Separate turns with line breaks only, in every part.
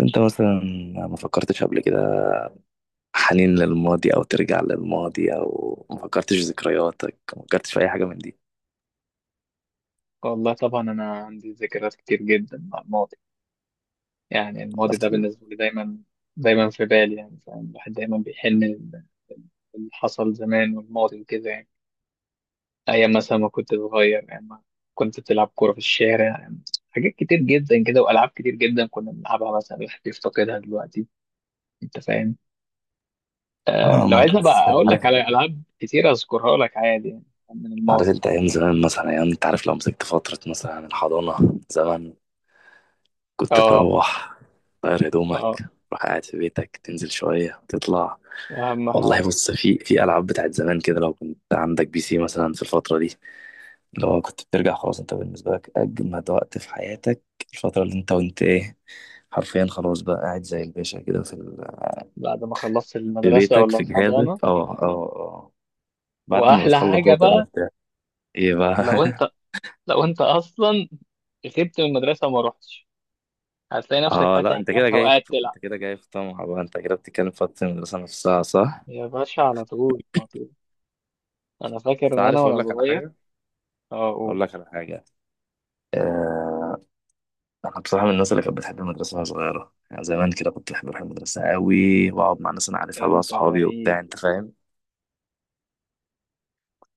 انت مثلا ما فكرتش قبل كده حنين للماضي او ترجع للماضي او ما فكرتش في ذكرياتك ما فكرتش في اي حاجه من دي.
والله طبعا أنا عندي ذكريات كتير جدا مع الماضي، يعني الماضي ده
اصل
بالنسبة لي دايما دايما في بالي. يعني فاهم، الواحد دايما بيحن اللي حصل زمان والماضي وكده. يعني أيام مثلا ما كنت صغير، أيام ما كنت بتلعب كورة في الشارع، يعني حاجات كتير جدا كده وألعاب كتير جدا كنا بنلعبها، مثلا الواحد بيفتقدها دلوقتي. أنت فاهم؟ آه،
اه
لو
ما
عايزني
بس
بقى أقول
عارف.
لك على ألعاب كتير أذكرها لك عادي يعني، من الماضي.
عارف انت ايام زمان، مثلا ايام انت عارف لو مسكت فتره مثلا الحضانه زمان، كنت
آه.
تروح تغير هدومك،
آه.
تروح قاعد في بيتك تنزل شويه تطلع.
أهم
والله
حاجة
بص، في العاب بتاعت زمان كده، لو كنت عندك بي سي مثلا في الفتره دي، لو كنت بترجع خلاص، انت بالنسبة لك أجمد وقت في حياتك الفترة اللي انت وانت ايه، حرفيا خلاص بقى قاعد زي الباشا كده
بعد ما خلصت
في
المدرسة
بيتك
ولا
في جهازك
الحضانة،
اه اه اه اه. بعد ما
واحلى
بتخلص
حاجه
بقى تبقى
بقى،
مرتاح. ايه بقى؟
لو انت لو انت اصلا غبت من المدرسه وما رحتش، هتلاقي نفسك
اه لا،
فاتح جهازها وقاعد تلعب.
انت كده جاي في طمع بقى، انت كده بتتكلم في وقت المدرسة نفسها صح؟
يا باشا، على طول على طول. انا فاكر
بس
ان انا
عارف اقول
وانا
لك على
صغير.
حاجة؟
اقول.
اقول لك على حاجة. آه... انا بصراحة من الناس اللي كانت بتحب المدرسة وانا صغيرة، يعني زمان كده كنت بحب اروح المدرسة قوي واقعد مع ناس انا عارفها بقى،
انت
اصحابي
غريب.
وبتاع، انت فاهم؟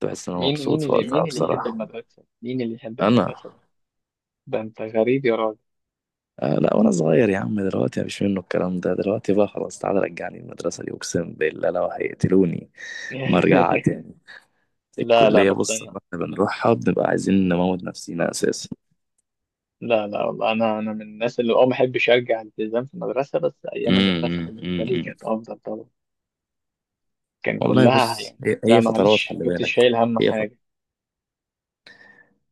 تحس ان هو
مين
مبسوط
مين
في
اللي،
وقتها.
مين
أيوة،
اللي يحب
بصراحة
المدرسه؟ مين اللي يحب
انا.
المدرسه ده؟ ده انت غريب يا راجل.
آه لا، وانا صغير يا عم، دلوقتي مفيش منه الكلام ده، دلوقتي بقى خلاص تعالى رجعني المدرسة دي، اقسم بالله لو هيقتلوني ما ارجعها تاني.
لا لا،
الكلية
بس
بص،
انا.
لما احنا بنروحها بنبقى عايزين نموت نفسينا اساسا.
لا لا، والله انا من الناس اللي ما احبش ارجع الالتزام في المدرسه. بس ايام المدرسه بالنسبه لي
أمم.
كانت افضل طبعا. كان
والله
كلها
بص،
يعني،
هي
انت
هي فترات،
معلش
خلي
كنت
بالك.
شايل هم
هي
حاجه.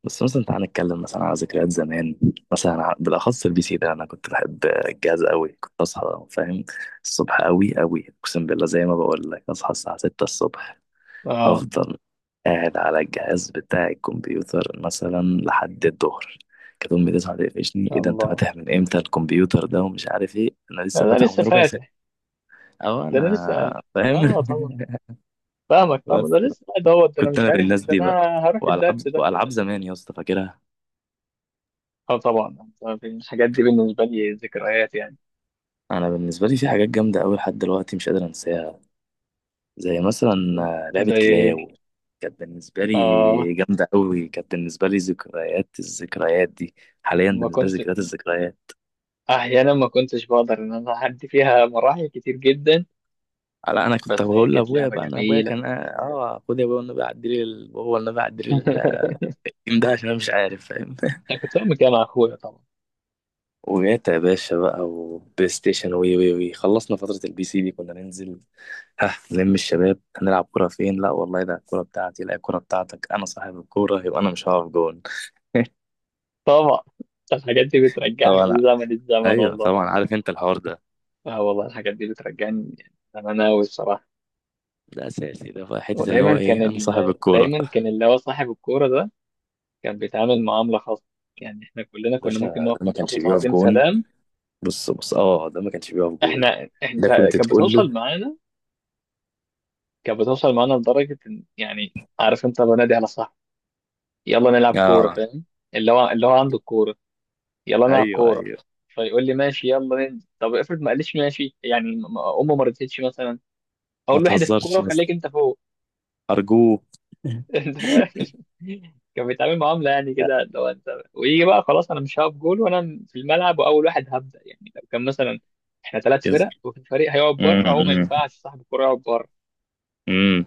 بس مثلا تعالى نتكلم مثلا على ذكريات زمان، مثلا بالاخص البي سي ده، انا كنت بحب الجهاز قوي، كنت اصحى فاهم الصبح قوي قوي، اقسم بالله زي ما بقول لك اصحى الساعه 6 الصبح
اه.
افضل قاعد على الجهاز بتاع الكمبيوتر مثلا لحد الظهر. كانت امي تصحى تقفشني: ايه ده؟ انت
الله،
فاتح من امتى الكمبيوتر ده ومش عارف ايه؟ انا
ده,
لسه
ده
فاتحه
لسه
من ربع
فاتح؟
ساعه او
ده انا لسه قاعد.
انا فاهم.
اه طبعا. فاهمك طبعا،
بس
ده لسه قاعد اهوت، ده انا
كنت
مش
انا من
عارف إيه،
الناس
ده
دي بقى.
انا هروح
والعاب
الدرس ده أنا.
والعاب زمان يا اسطى فاكرها.
اه طبعا. طبعاً الحاجات دي بالنسبه لي ذكريات يعني.
انا بالنسبه لي في حاجات جامده قوي لحد دلوقتي مش قادر انساها، زي مثلا لعبه
زي
كلاو،
ايه؟
كانت بالنسبه
اه.
لي جامده قوي، كانت بالنسبه لي ذكريات الذكريات دي. حاليا
ما
بالنسبه لي
كنت
ذكريات الذكريات.
احيانا ما كنتش بقدر ان انا اعدي فيها مراحل كتير جدا،
لا، انا كنت
بس هي
بقول
كانت
لابويا
لعبه
بقى، انا ابويا
جميله.
كان خد يا ابويا والنبي عدي لي هو والنبي عدي لي الجيم ده عشان انا مش عارف فاهم.
انا كنت بعمل كده مع اخويا طبعا.
وجات يا باشا بقى وبلاي ستيشن وي وي وي، خلصنا فتره البي سي دي كنا ننزل، ها لم الشباب هنلعب كرة فين، لا والله ده الكرة بتاعتي، لا الكرة بتاعتك، انا صاحب الكورة يبقى انا مش هقف جون.
طبعا الحاجات دي بترجعني
طبعا ع-
لزمن الزمن
ايوه
والله.
طبعا، عارف انت الحوار ده،
اه والله، الحاجات دي بترجعني زمان أوي الصراحه.
ده اساسي، ده في حتة اللي هو
ودايما كان
ايه، انا صاحب
ال...
الكورة.
دايما كان اللي هو صاحب الكوره ده كان بيتعامل معامله خاصه. يعني احنا كلنا كنا ممكن
باشا، ده
نقف
ما
نضرب
كانش
له
بيقف
تعظيم
جون،
سلام.
بص بص اه، ده ما كانش بيقف جون،
انت،
ده كنت
كانت
تقول
بتوصل
له
معانا كانت بتوصل معانا لدرجه ان، يعني عارف انت، بنادي على صاحبي، يلا نلعب كوره،
اه.
فاهم؟ اللي هو عنده الكوره، يلا نلعب
ايوه
كوره،
ايوه،
فيقول لي ماشي يلا ننزل. طب افرض ما قاليش ماشي، يعني امه ما رضيتش مثلا،
ما
اقول له احذف
تهزرش
الكوره
يا
وخليك
اسطى،
انت فوق.
ارجوك.
انت فاهم؟ كان بيتعامل معامله يعني كده، لو انت ويجي بقى، خلاص انا مش هقف جول وانا في الملعب، واول واحد هبدا يعني، لو كان مثلا احنا ثلاث
يس-
فرق وفي فريق هيقعد
مم،
بره، هو ما
مم،
ينفعش صاحب الكوره يقعد بره.
مم.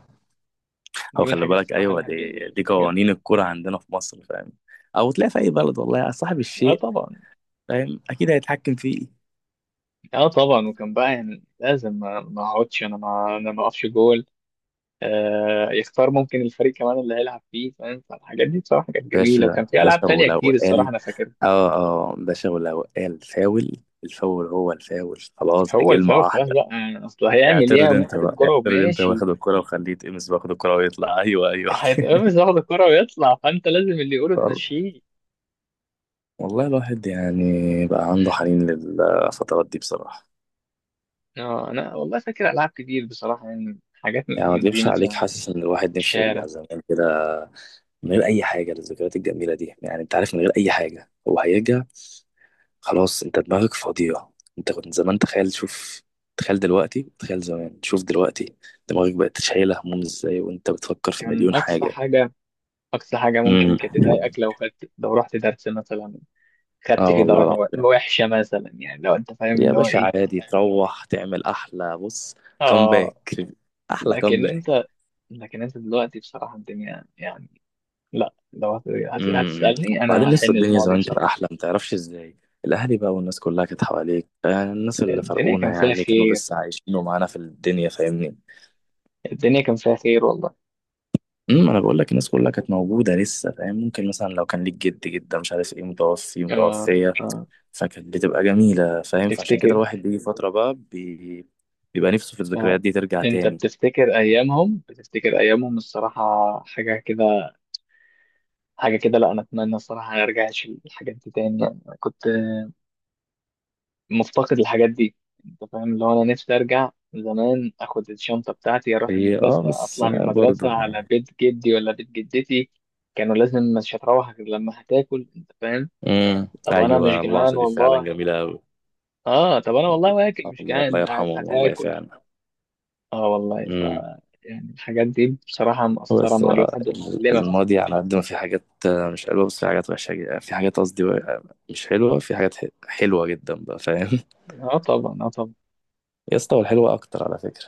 دي
هو
من
خلي
الحاجات،
بالك،
الصراحه
ايوه
الواحد
دي، دي
بيفتكرها.
قوانين الكوره عندنا في مصر، فاهم؟ او تلاقي في اي بلد والله، يا صاحب
اه
الشيء
طبعا.
فاهم اكيد هيتحكم فيه.
اه طبعا. وكان بقى يعني لازم ما اقعدش انا، ما اقفش جول. يختار ممكن الفريق كمان اللي هيلعب فيه، فاهم؟ فالحاجات دي بصراحه كانت جميله،
باشا
وكان في العاب
باشا،
تانية
ولو
كتير الصراحه
قال
انا فاكرها.
اه اه، باشا ولو قال فاول، الفاول هو الفاول خلاص، دي
هو
كلمه
الفاول خلاص
واحده.
بقى يعني، اصل هيعمل ايه،
اعترض
قام
انت
واخد
بقى،
الكرة
اعترض انت
وماشي،
واخد الكرة وخليه يتقمص باخد الكرة ويطلع. ايوه ايوه
هيتقمص ياخد الكرة ويطلع، فأنت لازم اللي يقوله
وال-
تمشيه.
والله الواحد يعني بقى عنده حنين للفترات دي بصراحة.
آه، أنا والله فاكر ألعاب كتير بصراحة، يعني حاجات
يعني ما
من دي
اكدبش عليك،
مثلا
حاسس ان
في
الواحد نفسه يرجع
الشارع.
زمان كده من غير اي حاجه، للذكريات الجميله دي، يعني انت عارف من غير اي حاجه هو هيرجع. خلاص انت دماغك فاضيه، انت كنت زمان تخيل شوف، تخيل دلوقتي تخيل زمان شوف دلوقتي، دماغك بقت شايله هموم ازاي وانت بتفكر في
كان
مليون
أقصى
حاجه.
حاجة أقصى حاجة ممكن
امم.
كانت تضايقك، لو رحت درس مثلا، خدت
اه
فيه
والله
درجة وا-
العظيم،
وحشة مثلا، يعني لو أنت فاهم
يا
اللي هو
باشا
إيه.
عادي تروح تعمل احلى بص
آه.
كومباك، احلى
لكن
كومباك.
أنت لكن أنت دلوقتي بصراحة الدنيا يعني، لا لو هت- هت-
امم.
هتسألني أنا
وبعدين
هحن
لسه الدنيا
الماضي
زمان كانت
بصراحة.
احلى ما تعرفش ازاي، الاهالي بقى والناس كلها كانت حواليك، الناس اللي
الدنيا
فرقونا
كان فيها
يعني كانوا
خير.
لسه عايشين ومعانا في الدنيا فاهمني.
الدنيا كان فيها خير والله.
امم، انا بقول لك الناس كلها كانت موجوده لسه فاهم، ممكن مثلا لو كان ليك جد جده مش عارف ايه متوفي
آه.
متوفيه،
آه.
فكانت بتبقى جميله فاهم، فعشان كده
تفتكر؟
الواحد بيجي فتره بقى بيبقى نفسه في
اه،
الذكريات دي ترجع
انت
تاني.
بتفتكر ايامهم الصراحه. حاجه كده، حاجه كده. لا انا اتمنى الصراحه ما ارجعش الحاجات دي تاني يعني، أنا كنت مفتقد الحاجات دي. انت فاهم اللي هو، انا نفسي ارجع زمان، اخد الشنطه بتاعتي اروح
هي اه
المدرسه،
بس
اطلع من المدرسه
برضه
على
يعني.
بيت جدي ولا بيت جدتي، كانوا لازم، مش هتروح غير لما هتاكل. انت فاهم؟
امم،
طب انا مش
ايوه
جعان
اللقطه دي فعلا
والله،
جميله قوي.
اه طب انا والله واكل مش
الله، الله
جعان،
يرحمهم والله
هتاكل.
فعلا.
اه والله ف،
امم.
يعني الحاجات دي بصراحة
هو
مأثرة
بس
مع الواحد ومعلمة
الماضي على قد ما في حاجات مش حلوة، بس في حاجات وحشة جدا، في حاجات قصدي مش حلوة، في حاجات حلوة جدا بقى فاهم.
اه طبعا. اه طبعا.
يا اسطى والحلوة أكتر على فكرة.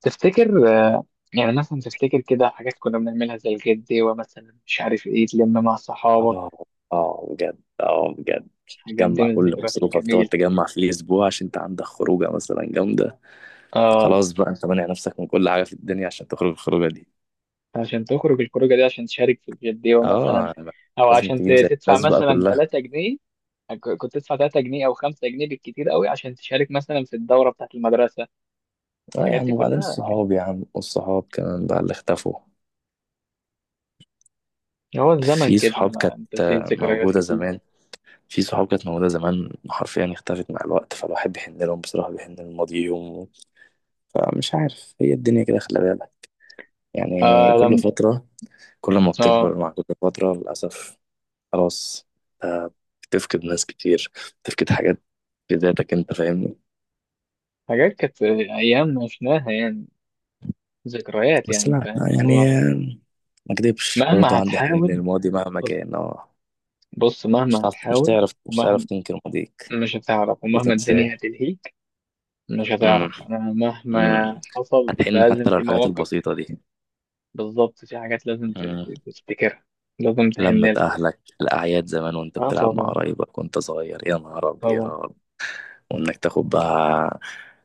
تفتكر يعني مثلا تفتكر كده حاجات كنا بنعملها، زي الجدي، ومثلا مش عارف ايه، تلم مع صحابك.
اه اه بجد، اه بجد.
الحاجات دي
تجمع
من
كل
الذكريات
مصروفك، تقعد
الجميلة.
تجمع في الأسبوع عشان أنت عندك خروجة مثلا جامدة،
اه،
خلاص بقى أنت مانع نفسك من كل حاجة في الدنيا عشان تخرج الخروجة دي.
عشان تخرج الخروجة دي، عشان تشارك في الجدي
اه
مثلا،
يعني
او
لازم
عشان
تجيب زي
تدفع
الناس بقى
مثلا
كلها.
3 جنيه. آه، كنت تدفع 3 جنيه او 5 جنيه بالكتير قوي، عشان تشارك مثلا في الدورة بتاعت المدرسة.
اه يا
الحاجات
عم،
دي
وبعدين
كلها كان،
الصحاب يا عم، والصحاب كمان بقى اللي اختفوا.
هو الزمن
في
كده،
صحاب
ما
كانت
انت في ذكريات
موجودة
كتير.
زمان، في صحاب كانت موجودة زمان حرفيا اختفت مع الوقت، فالواحد بيحن لهم بصراحة، بيحن لماضيهم. فمش عارف، هي الدنيا كده خلي بالك، يعني
آه
كل
لم.
فترة، كل ما
اه.
بتكبر مع كل فترة للأسف خلاص آه، بتفقد ناس كتير، بتفقد حاجات في ذاتك انت فاهمني.
حاجات كانت ايام عشناها يعني، ذكريات
بس
يعني
لا
فاهم اللي هو.
يعني ما اكدبش
مهما
برضه عندي حنين
هتحاول.
للماضي مهما
بص,
كان اه.
بص،
مش
مهما
هتعرف، مش
هتحاول.
تعرف، مش هتعرف
ومهما
تنكر ماضيك
ومهما
وتنساه.
الدنيا هتلهيك مش هتعرف.
امم،
انا
امم.
مهما حصل،
هتحن
لازم
حتى لو
في
الحاجات
مواقف.
البسيطة دي.
بالظبط، في حاجات لازم ت-
مم.
ت- تفتكرها لازم تحن
لمة
لها.
أهلك الأعياد زمان وأنت
اه
بتلعب مع
طبعا.
قرايبك وأنت صغير، يا نهار
طبعا.
أبيض، وإنك تاخد بقى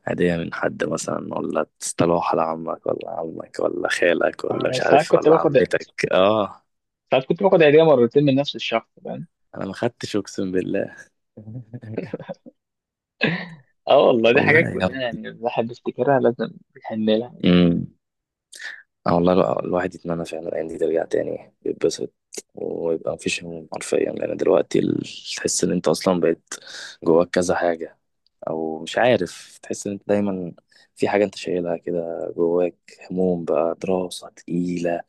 هدية من حد مثلا، ولا تصطلوح على عمك ولا عمك ولا خالك ولا
آه،
مش
ساعات
عارف
كنت
ولا
باخد
عمتك آه.
ساعات كنت باخد هدية مرتين من نفس الشخص، فاهم؟
أنا ما خدتش أقسم بالله.
اه والله، دي
والله
حاجات
يا
كلها
ابني.
يعني الواحد بيفتكرها لازم يحن لها.
امم. آه والله الواحد يتمنى فعلا الأيام دي ترجع تاني، يتبسط ويبقى مفيش هموم حرفيا، لأن دلوقتي تحس إن أنت أصلا بقيت جواك كذا حاجة، او مش عارف تحس ان انت دايما في حاجه انت شايلها كده جواك، هموم بقى دراسه تقيله،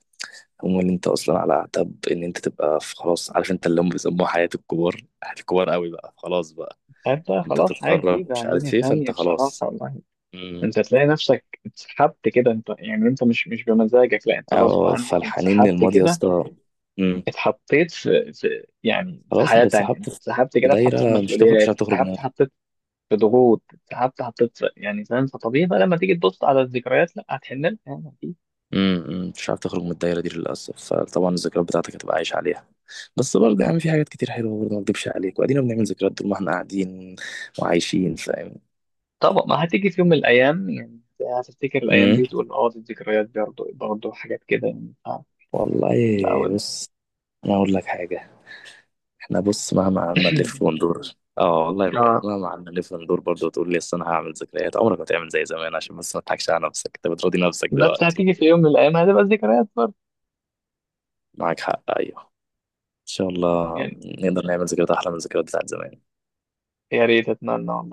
هموم ان انت اصلا على اعتاب ان انت تبقى في خلاص، عارف انت اللي هم بيسموها حياه الكبار، حياه الكبار قوي بقى خلاص بقى،
عارف بقى،
انت
خلاص حاجة
بتتخرج
جديدة،
مش
دنيا
عارف ايه، فانت
تانية بصراحة
خلاص.
والله.
امم.
انت تلاقي نفسك اتسحبت كده، انت يعني انت مش بمزاجك، لا انت غصب
اه،
عنك
فالحنين
اتسحبت
للماضي يا
كده،
اسطى. امم.
اتحطيت في
خلاص
حياة
انت
تانية،
اتسحبت
انت
في
اتسحبت كده اتحطيت في
دايره، مش هتخرج، مش
مسؤوليات،
هتخرج.
اتسحبت حطيت في ضغوط، اتسحبت حطيت في، يعني فاهم. فطبيعي بقى لما تيجي تبص على الذكريات، لا هتحن لها يعني اكيد.
امم، امم. مش عارف تخرج من الدايرة دي للأسف، فطبعا الذكريات بتاعتك هتبقى عايش عليها. بس برضه يعني في حاجات كتير حلوة برضه، ما اكدبش عليك، وادينا بنعمل ذكريات طول ما احنا قاعدين وعايشين فاهم.
طبعا. ما هتيجي في يوم من الايام يعني، هتفتكر الايام دي
امم.
وتقول اه، دي الذكريات برضه، برضه حاجات كده يعني. اه.
والله
لا ولا.
بص، انا اقول لك حاجة، احنا بص مهما قعدنا نلف وندور، اه والله بجد
اه،
مهما قعدنا نلف وندور برضه، وتقول لي اصل انا هعمل ذكريات، عمرك ما تعمل زي زمان، عشان بس ما تضحكش على نفسك، انت بتراضي نفسك
بس
دلوقتي.
هتيجي في يوم من الأيام هتبقى ذكريات برضه
معاك حق، ايوه ان شاء الله
يعني.
نقدر نعمل ذكريات احلى من الذكريات بتاعت زمان.
يا ريت، أتمنى والله.